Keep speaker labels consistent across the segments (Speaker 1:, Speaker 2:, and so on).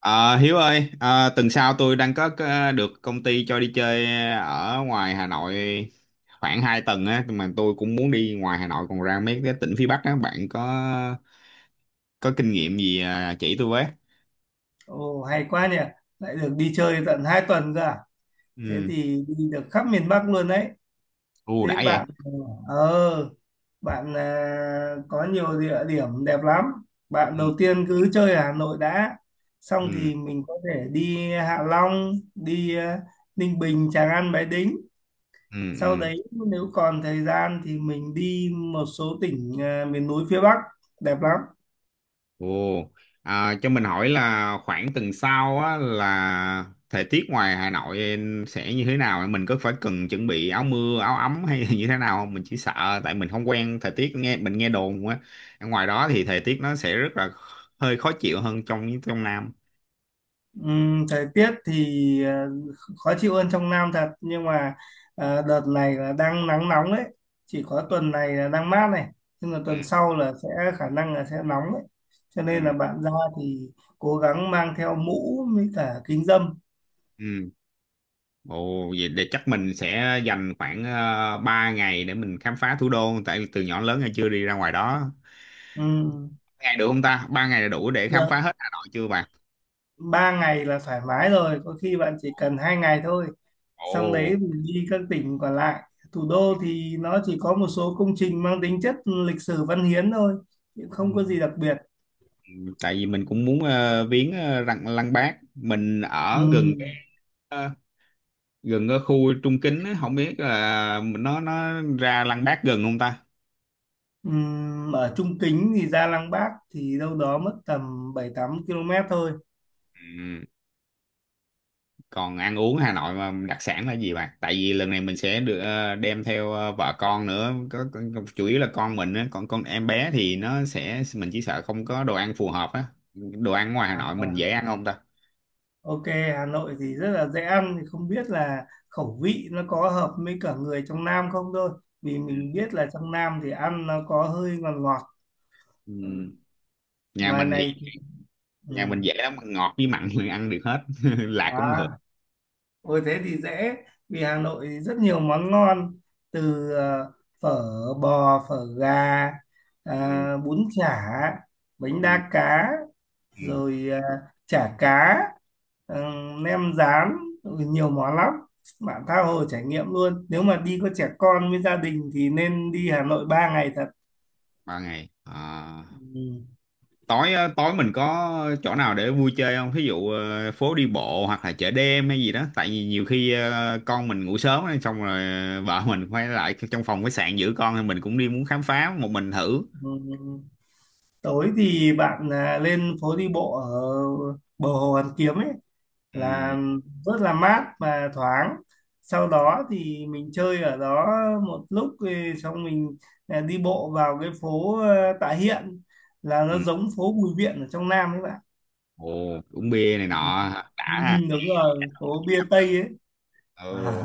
Speaker 1: Ờ, Hiếu ơi, tuần sau tôi đang có được công ty cho đi chơi ở ngoài Hà Nội khoảng 2 tuần á, nhưng mà tôi cũng muốn đi ngoài Hà Nội còn ra mấy cái tỉnh phía Bắc á, bạn có kinh nghiệm gì à, chỉ tôi với?
Speaker 2: Ồ, hay quá nhỉ. Lại được đi chơi tận 2 tuần cơ à? Thế
Speaker 1: Ừ,
Speaker 2: thì đi được khắp miền Bắc luôn đấy.
Speaker 1: ưu
Speaker 2: Thế
Speaker 1: đãi vậy.
Speaker 2: ờ bạn à, có nhiều địa điểm đẹp lắm. Bạn
Speaker 1: Ừ,
Speaker 2: đầu tiên cứ chơi ở Hà Nội đã. Xong
Speaker 1: ừ,
Speaker 2: thì mình có thể đi Hạ Long, đi Ninh Bình, Tràng An, Bái Đính.
Speaker 1: ừ,
Speaker 2: Sau
Speaker 1: ừ.
Speaker 2: đấy nếu còn thời gian thì mình đi một số tỉnh miền núi phía Bắc đẹp lắm.
Speaker 1: Ồ, à, cho mình hỏi là khoảng tuần sau á, là thời tiết ngoài Hà Nội sẽ như thế nào? Mình có phải cần chuẩn bị áo mưa, áo ấm hay là như thế nào không? Mình chỉ sợ tại mình không quen thời tiết, nghe mình nghe đồn á. Ở ngoài đó thì thời tiết nó sẽ rất là hơi khó chịu hơn trong trong Nam.
Speaker 2: Thời tiết thì khó chịu hơn trong Nam thật, nhưng mà đợt này là đang nắng nóng đấy, chỉ có tuần này là đang mát, này nhưng mà
Speaker 1: Ừ,
Speaker 2: tuần sau là sẽ khả năng là sẽ nóng đấy, cho nên là
Speaker 1: ừ,
Speaker 2: bạn ra thì cố gắng mang theo mũ với cả kính râm.
Speaker 1: ừ. Ồ, vậy để chắc mình sẽ dành khoảng 3 ngày để mình khám phá thủ đô, tại từ nhỏ đến lớn hay chưa đi ra ngoài đó.
Speaker 2: Ừm,
Speaker 1: Ngày được không ta? 3 ngày là đủ để khám
Speaker 2: Được
Speaker 1: phá hết Hà Nội chưa bạn?
Speaker 2: ba ngày là thoải mái rồi, có khi bạn chỉ cần 2 ngày thôi, xong đấy
Speaker 1: Ồ.
Speaker 2: mình đi các tỉnh còn lại. Thủ đô thì nó chỉ có một số công trình mang tính chất lịch sử văn hiến thôi, chứ không có gì đặc biệt.
Speaker 1: Tại vì mình cũng muốn viếng lăng lăng Bác, mình
Speaker 2: Ừ,
Speaker 1: ở gần cái, ờ, gần cái khu Trung Kính á, không biết là nó ra lăng Bác gần không ta.
Speaker 2: ở Trung Kính thì ra Lăng Bác thì đâu đó mất tầm 7-8 km thôi.
Speaker 1: Ừ. Còn ăn uống Hà Nội mà đặc sản là gì bạn, tại vì lần này mình sẽ được đem theo vợ con nữa, chủ yếu là con mình á, còn con em bé thì nó sẽ, mình chỉ sợ không có đồ ăn phù hợp á. Đồ ăn ngoài Hà
Speaker 2: À,
Speaker 1: Nội mình
Speaker 2: vâng.
Speaker 1: dễ ăn không ta?
Speaker 2: Ok, Hà Nội thì rất là dễ ăn, thì không biết là khẩu vị nó có hợp với cả người trong Nam không thôi. Vì
Speaker 1: Ừ.
Speaker 2: mình biết là trong Nam thì ăn nó có hơi ngọt ngọt. Ừ,
Speaker 1: Ừ. nhà
Speaker 2: ngoài
Speaker 1: mình thì
Speaker 2: này thì- ừ.
Speaker 1: nhà mình dễ lắm, ngọt với mặn mình ăn được hết lạc cũng được.
Speaker 2: À, ôi thế thì dễ, vì Hà Nội thì rất nhiều món ngon, từ phở bò, phở gà, bún chả, bánh
Speaker 1: Ừ.
Speaker 2: đa cá,
Speaker 1: Ừ,
Speaker 2: rồi chả cá, ờ, nem rán, rồi nhiều món lắm, bạn tha hồ trải nghiệm luôn. Nếu mà đi có trẻ con với gia đình thì nên đi Hà Nội 3 ngày thật.
Speaker 1: 3 ngày à?
Speaker 2: Ừ,
Speaker 1: Tối á, tối mình có chỗ nào để vui chơi không, thí dụ phố đi bộ hoặc là chợ đêm hay gì đó, tại vì nhiều khi con mình ngủ sớm á, xong rồi vợ mình quay lại trong phòng khách sạn giữ con thì mình cũng đi muốn khám phá một mình thử.
Speaker 2: ừ. Tối thì bạn à, lên phố đi bộ ở bờ hồ Hoàn Kiếm ấy,
Speaker 1: Ừ,
Speaker 2: là rất là mát và thoáng. Sau đó thì mình chơi ở đó một lúc, thì xong mình đi bộ vào cái phố Tạ Hiện, là
Speaker 1: ừ.
Speaker 2: nó giống phố Bùi Viện ở trong Nam ấy bạn.
Speaker 1: Ồ, uống bia này
Speaker 2: Ừ,
Speaker 1: nọ đã ha.
Speaker 2: đúng rồi, phố bia Tây ấy à.
Speaker 1: Ừ.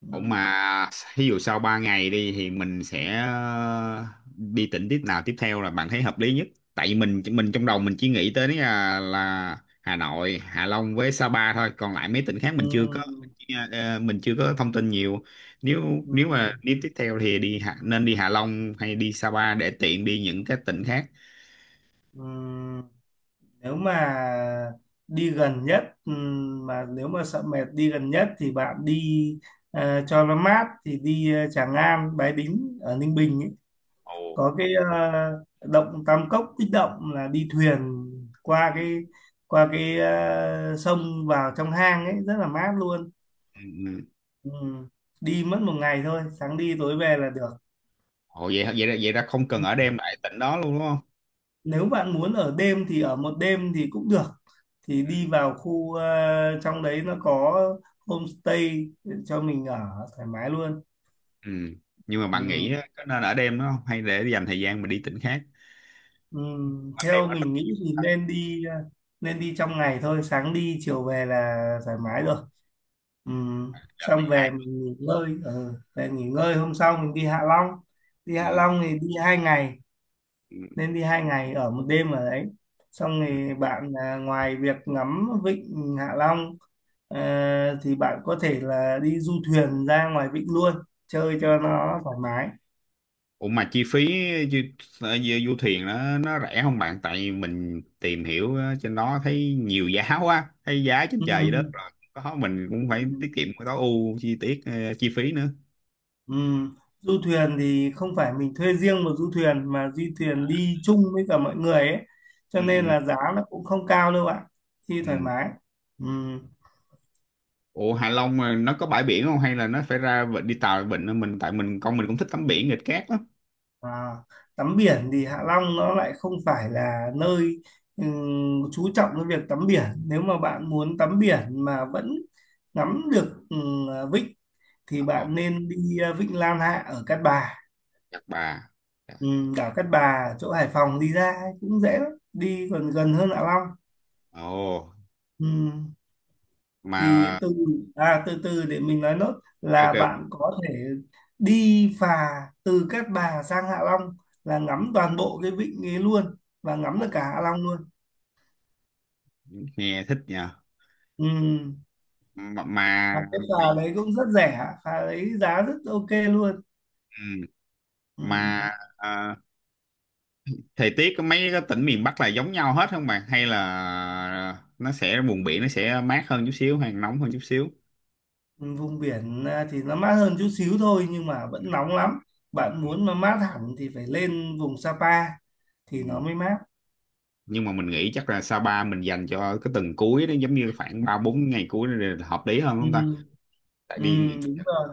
Speaker 2: Ừ,
Speaker 1: Ủa mà ví dụ sau 3 ngày đi thì mình sẽ đi tỉnh tiếp nào tiếp theo là bạn thấy hợp lý nhất? Tại vì mình trong đầu mình chỉ nghĩ tới là Hà Nội, Hạ Long với Sa Pa thôi, còn lại mấy tỉnh khác
Speaker 2: ừ,
Speaker 1: mình chưa có thông tin nhiều. Nếu
Speaker 2: ừ,
Speaker 1: nếu mà đi tiếp theo thì nên đi Hạ Long hay đi Sa Pa để tiện đi những cái tỉnh khác.
Speaker 2: ừ. Nếu mà đi gần nhất, mà nếu mà sợ mệt đi gần nhất thì bạn đi cho nó mát thì đi Tràng An Bái Đính ở Ninh Bình ấy.
Speaker 1: Ồ.
Speaker 2: Có cái động Tam Cốc Bích Động, là đi thuyền qua
Speaker 1: Ừ.
Speaker 2: cái sông vào trong hang ấy, rất là mát luôn.
Speaker 1: Ừ, ừ.
Speaker 2: Ừ. Đi mất 1 ngày thôi, sáng đi tối về là được.
Speaker 1: Ồ, vậy vậy ra không cần ở đêm lại tỉnh đó luôn đúng không?
Speaker 2: Nếu bạn muốn ở đêm thì ở một đêm thì cũng được, thì đi vào khu trong đấy nó có homestay cho mình ở thoải mái luôn.
Speaker 1: Ừ. Nhưng mà bạn nghĩ
Speaker 2: Ừ.
Speaker 1: á, có nên ở đêm nó không? Hay để dành thời gian mà đi tỉnh khác?
Speaker 2: Ừ.
Speaker 1: Ban đêm
Speaker 2: Theo
Speaker 1: nó rất
Speaker 2: mình
Speaker 1: nhiều
Speaker 2: nghĩ thì
Speaker 1: ta.
Speaker 2: nên đi trong ngày thôi, sáng đi chiều về là thoải mái rồi. Ừ.
Speaker 1: Đợt
Speaker 2: Xong
Speaker 1: này hai.
Speaker 2: về mình nghỉ ngơi. Ừ. Về nghỉ ngơi, hôm sau mình đi Hạ Long. Đi
Speaker 1: Ừ.
Speaker 2: Hạ Long thì đi 2 ngày,
Speaker 1: Ừ.
Speaker 2: nên đi hai ngày ở 1 đêm ở đấy. Xong
Speaker 1: Ừ.
Speaker 2: thì bạn à, ngoài việc ngắm vịnh Hạ Long, Ờ, thì bạn có thể là đi du thuyền ra ngoài vịnh luôn, chơi cho nó thoải mái.
Speaker 1: Ủa mà chi phí du, du thuyền nó rẻ không bạn? Tại mình tìm hiểu á, trên đó thấy nhiều giá quá, thấy giá trên
Speaker 2: Ừ.
Speaker 1: trời dưới đất rồi. Có mình cũng phải tiết kiệm, cái tối ưu chi tiết chi phí nữa.
Speaker 2: Ừ. Du thuyền thì không phải mình thuê riêng một du thuyền, mà du thuyền đi chung với cả mọi người ấy, cho
Speaker 1: Ừ,
Speaker 2: nên
Speaker 1: ừ,
Speaker 2: là giá nó cũng không cao đâu bạn, đi
Speaker 1: ừ.
Speaker 2: thoải mái. Ừ.
Speaker 1: Ủa Hạ Long mà nó có bãi biển không hay là nó phải đi tàu vịnh, mình tại mình con mình cũng thích tắm biển nghịch cát lắm.
Speaker 2: À, tắm biển thì Hạ Long nó lại không phải là nơi chú trọng cái việc tắm biển. Nếu mà bạn muốn tắm biển mà vẫn ngắm được vịnh thì
Speaker 1: Ồ,
Speaker 2: bạn nên đi Vịnh Lan Hạ ở Cát Bà.
Speaker 1: Nhật Bà.
Speaker 2: ừ, Đảo Cát Bà chỗ Hải Phòng đi ra ấy cũng dễ lắm, đi còn gần hơn Hạ Long.
Speaker 1: Ồ,
Speaker 2: ừ, thì
Speaker 1: mà
Speaker 2: từ từ để mình nói nốt,
Speaker 1: kêu
Speaker 2: là
Speaker 1: kêu
Speaker 2: bạn có thể đi phà từ Cát Bà sang Hạ Long, là ngắm toàn bộ cái vịnh ấy luôn, và ngắm
Speaker 1: Ồ,
Speaker 2: được cả Hạ Long luôn.
Speaker 1: nghe thích nha.
Speaker 2: Ừ.
Speaker 1: Mà,
Speaker 2: Và cái phà
Speaker 1: mấy-
Speaker 2: đấy cũng rất rẻ, phà đấy giá rất ok luôn.
Speaker 1: ừ,
Speaker 2: Ừ.
Speaker 1: mà à, thời tiết của mấy cái tỉnh miền Bắc là giống nhau hết không bạn? Hay là nó sẽ vùng biển nó sẽ mát hơn chút xíu hay nóng hơn chút xíu?
Speaker 2: Vùng biển thì nó mát hơn chút xíu thôi, nhưng mà vẫn nóng lắm. Bạn
Speaker 1: Ừ,
Speaker 2: muốn mà mát hẳn thì phải lên vùng Sapa thì nó
Speaker 1: ừ.
Speaker 2: mới mát.
Speaker 1: Nhưng mà mình nghĩ chắc là Sapa mình dành cho cái tuần cuối đó, giống như khoảng 3-4 ngày cuối đó là hợp lý hơn không ta?
Speaker 2: Ừ,
Speaker 1: Tại
Speaker 2: ừ,
Speaker 1: đi
Speaker 2: đúng rồi.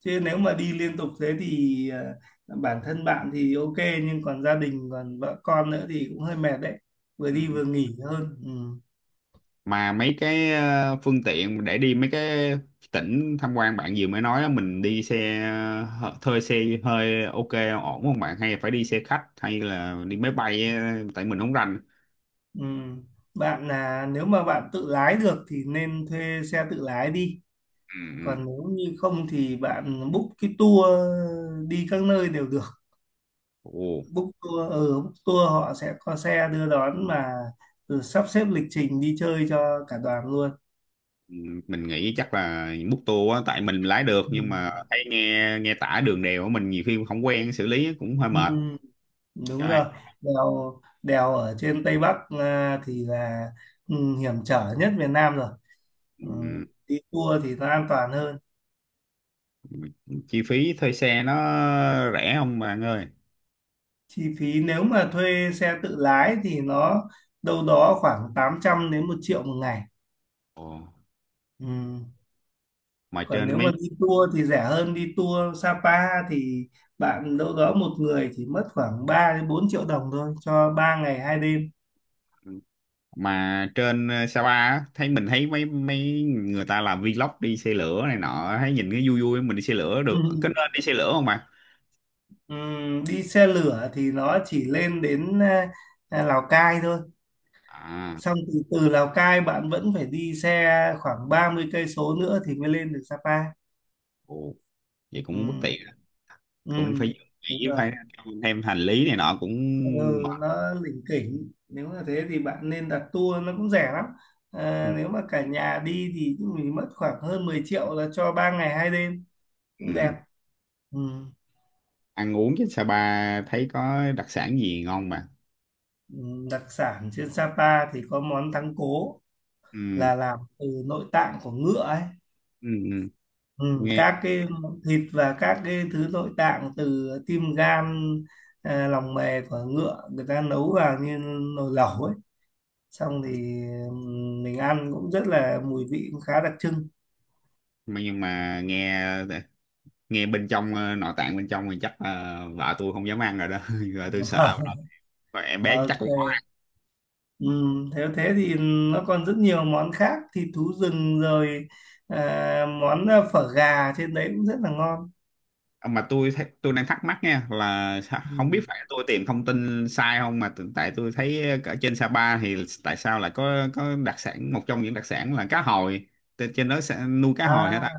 Speaker 2: Chứ nếu mà đi liên tục thế thì bản thân bạn thì ok, nhưng còn gia đình còn vợ con nữa thì cũng hơi mệt đấy, vừa
Speaker 1: ừ.
Speaker 2: đi vừa nghỉ hơn. Ừ,
Speaker 1: Mà mấy cái phương tiện để đi mấy cái tỉnh tham quan bạn vừa mới nói á, mình đi xe thuê xe hơi ok ổn không bạn, hay phải đi xe khách hay là đi máy bay á, tại mình không rành.
Speaker 2: ừ. Bạn là nếu mà bạn tự lái được thì nên thuê xe tự lái đi,
Speaker 1: Ừ, ừ.
Speaker 2: còn nếu như không thì bạn book cái tour đi các nơi đều được.
Speaker 1: Ồ,
Speaker 2: Book tour họ sẽ có xe đưa đón mà, ừ, sắp xếp lịch trình đi chơi cho cả đoàn luôn.
Speaker 1: ừ, mình nghĩ chắc là múc tour á, tại mình lái được
Speaker 2: Ừ.
Speaker 1: nhưng mà thấy nghe nghe tả đường đèo á, mình nhiều khi không quen xử lý cũng hơi mệt.
Speaker 2: Ừ,
Speaker 1: Cho
Speaker 2: đúng
Speaker 1: nên,
Speaker 2: rồi, đèo đèo ở trên Tây Bắc thì là hiểm trở nhất Việt Nam rồi. Ừ.
Speaker 1: ừ,
Speaker 2: Đi tour thì nó an toàn hơn.
Speaker 1: chi phí thuê xe nó rẻ không bạn ơi?
Speaker 2: Chi phí nếu mà thuê xe tự lái thì nó đâu đó khoảng 800 đến 1 triệu một ngày.
Speaker 1: Ồ,
Speaker 2: Ừ.
Speaker 1: mà
Speaker 2: Còn
Speaker 1: trên
Speaker 2: nếu
Speaker 1: mấy
Speaker 2: mà đi tour thì rẻ hơn, đi tour Sapa thì bạn đâu đó một người chỉ mất khoảng 3 đến 4 triệu đồng thôi cho 3 ngày 2 đêm.
Speaker 1: ừ, mà trên Sapa á, mình thấy mấy mấy người ta làm vlog đi xe lửa này nọ, thấy nhìn cái vui vui, mình đi xe lửa được, có nên đi xe lửa không bạn?
Speaker 2: Ừ. Đi xe lửa thì nó chỉ lên đến Lào Cai thôi,
Speaker 1: À,
Speaker 2: xong từ từ Lào Cai bạn vẫn phải đi xe khoảng 30 cây số nữa thì mới lên được Sapa.
Speaker 1: ồ, vậy cũng bất
Speaker 2: Ừm,
Speaker 1: tiện, cũng phải
Speaker 2: ừm, đúng
Speaker 1: nghĩ
Speaker 2: rồi.
Speaker 1: phải thêm hành lý này nọ cũng
Speaker 2: Ừ,
Speaker 1: mệt.
Speaker 2: nó lỉnh kỉnh, nếu mà thế thì bạn nên đặt tour nó cũng rẻ lắm.
Speaker 1: Ừ.
Speaker 2: À, nếu mà cả nhà đi thì mình mất khoảng hơn 10 triệu là cho 3 ngày 2 đêm, cũng đẹp.
Speaker 1: Ừ.
Speaker 2: Ừ.
Speaker 1: Ăn uống trên Sapa thấy có đặc sản gì ngon mà.
Speaker 2: Ừ, đặc sản trên Sapa thì có món thắng cố,
Speaker 1: Ừ.
Speaker 2: là làm từ nội tạng của ngựa ấy.
Speaker 1: Ừ. Ừ.
Speaker 2: Ừ,
Speaker 1: nghe
Speaker 2: các cái món thịt và các cái thứ nội tạng từ tim gan, lòng mề của ngựa, người ta nấu vào như nồi lẩu ấy, xong thì mình ăn cũng rất là mùi vị cũng khá đặc trưng.
Speaker 1: mà nhưng mà nghe nghe bên trong nội tạng bên trong thì chắc vợ tôi không dám ăn rồi đó, vợ tôi sợ rồi, em bé chắc cũng.
Speaker 2: Ok. Nếu thế thì nó còn rất nhiều món khác, thịt thú rừng, rồi món phở gà trên đấy cũng rất là ngon.
Speaker 1: Mà tôi đang thắc mắc nha, là không biết
Speaker 2: Ừm.
Speaker 1: phải tôi tìm thông tin sai không, mà tại tôi thấy ở trên Sapa thì tại sao lại có đặc sản, một trong những đặc sản là cá hồi, trên trên đó sẽ nuôi cá hồi hết á.
Speaker 2: à,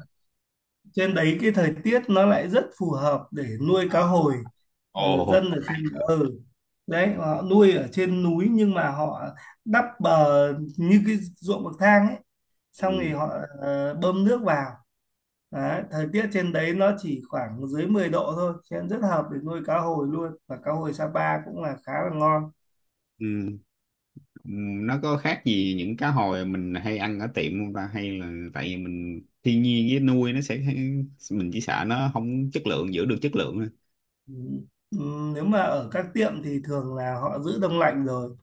Speaker 2: Trên đấy cái thời tiết nó lại rất phù hợp để nuôi cá
Speaker 1: À,
Speaker 2: hồi.
Speaker 1: ồ,
Speaker 2: Dân ở trên đấy họ nuôi ở trên núi, nhưng mà họ đắp bờ như cái ruộng bậc thang ấy, xong thì
Speaker 1: ừ,
Speaker 2: họ bơm nước vào. Đấy, thời tiết trên đấy nó chỉ khoảng dưới 10 độ thôi, cho nên rất hợp để nuôi cá hồi luôn. Và cá hồi Sapa cũng là khá là ngon.
Speaker 1: ừ, ừ, nó có khác gì những cá hồi mình hay ăn ở tiệm không ta, hay là tại vì mình thiên nhiên với nuôi nó sẽ, mình chỉ sợ nó không chất lượng, giữ được chất lượng thôi.
Speaker 2: Ừ. Ừ, nếu mà ở các tiệm thì thường là họ giữ đông lạnh rồi.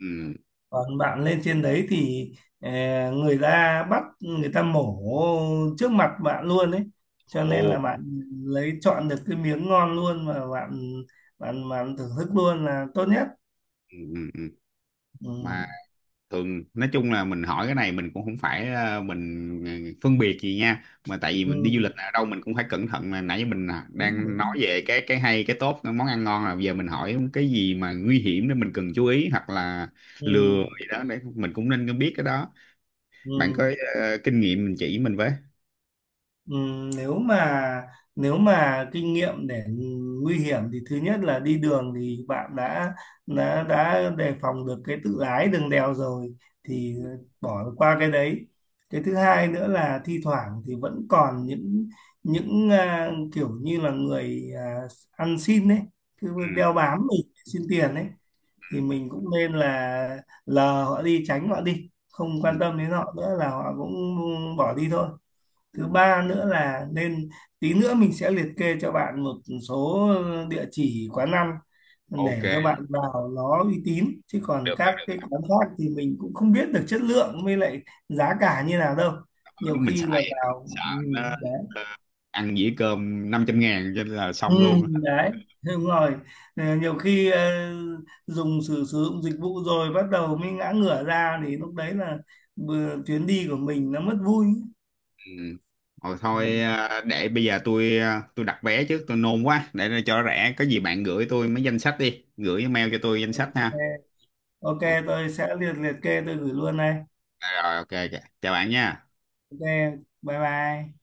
Speaker 1: Ừ.
Speaker 2: Còn bạn lên trên đấy thì người ta bắt, người ta mổ trước mặt bạn luôn ấy. Cho
Speaker 1: Ồ,
Speaker 2: nên là bạn lấy chọn được cái miếng ngon luôn, mà bạn bạn bạn thưởng thức luôn là tốt nhất.
Speaker 1: ừ, ừ, ừ.
Speaker 2: Ừ.
Speaker 1: Mà thường nói chung là mình hỏi cái này mình cũng không phải mình phân biệt gì nha, mà tại vì mình đi du
Speaker 2: Ừ.
Speaker 1: lịch ở đâu mình cũng phải cẩn thận, mà nãy giờ mình
Speaker 2: Đúng,
Speaker 1: đang nói
Speaker 2: đúng.
Speaker 1: về cái hay cái tốt cái món ăn ngon, là giờ mình hỏi cái gì mà nguy hiểm để mình cần chú ý, hoặc là
Speaker 2: Ừ.
Speaker 1: lừa gì đó để mình cũng nên biết cái đó. Bạn
Speaker 2: Ừ.
Speaker 1: có kinh nghiệm mình chỉ mình với.
Speaker 2: Ừm, nếu mà nếu mà kinh nghiệm để nguy hiểm thì thứ nhất là đi đường thì bạn đã đề phòng được cái tự lái đường đèo rồi, thì
Speaker 1: Ừ,
Speaker 2: bỏ qua cái đấy. Cái thứ hai nữa là thi thoảng thì vẫn còn những kiểu như là người ăn xin đấy, cứ
Speaker 1: ừ,
Speaker 2: đeo bám mình xin tiền đấy, thì mình cũng nên là lờ họ đi, tránh họ đi, không
Speaker 1: ừ,
Speaker 2: quan tâm đến họ nữa là họ cũng bỏ đi thôi. Thứ
Speaker 1: ừ.
Speaker 2: ba nữa là nên tí nữa mình sẽ liệt kê cho bạn một số địa chỉ quán ăn
Speaker 1: Ok,
Speaker 2: để cho bạn vào nó uy tín, chứ còn
Speaker 1: được đó,
Speaker 2: các
Speaker 1: được
Speaker 2: cái quán khác thì mình cũng không biết được chất lượng với lại giá cả như nào đâu, nhiều
Speaker 1: đó. Mình
Speaker 2: khi là
Speaker 1: xài vậy đó
Speaker 2: vào
Speaker 1: sợ nó
Speaker 2: đấy.
Speaker 1: ăn dĩa cơm 500.000 cho nên là
Speaker 2: Ừ,
Speaker 1: xong luôn.
Speaker 2: đấy đúng rồi. Nhiều khi dùng sử sử dụng dịch vụ rồi bắt đầu mới ngã ngửa ra, thì lúc đấy là chuyến đi của mình nó mất vui.
Speaker 1: Ừ. Rồi
Speaker 2: Ừ.
Speaker 1: thôi à, để bây giờ tôi đặt vé trước, tôi nôn quá để nó cho rẻ, có gì bạn gửi tôi mấy danh sách đi, gửi email cho tôi danh sách
Speaker 2: Ok,
Speaker 1: ha.
Speaker 2: ok,
Speaker 1: Ok
Speaker 2: tôi sẽ liệt liệt kê tôi gửi luôn đây.
Speaker 1: rồi, ok ok. Chào bạn nha.
Speaker 2: Ok, bye bye.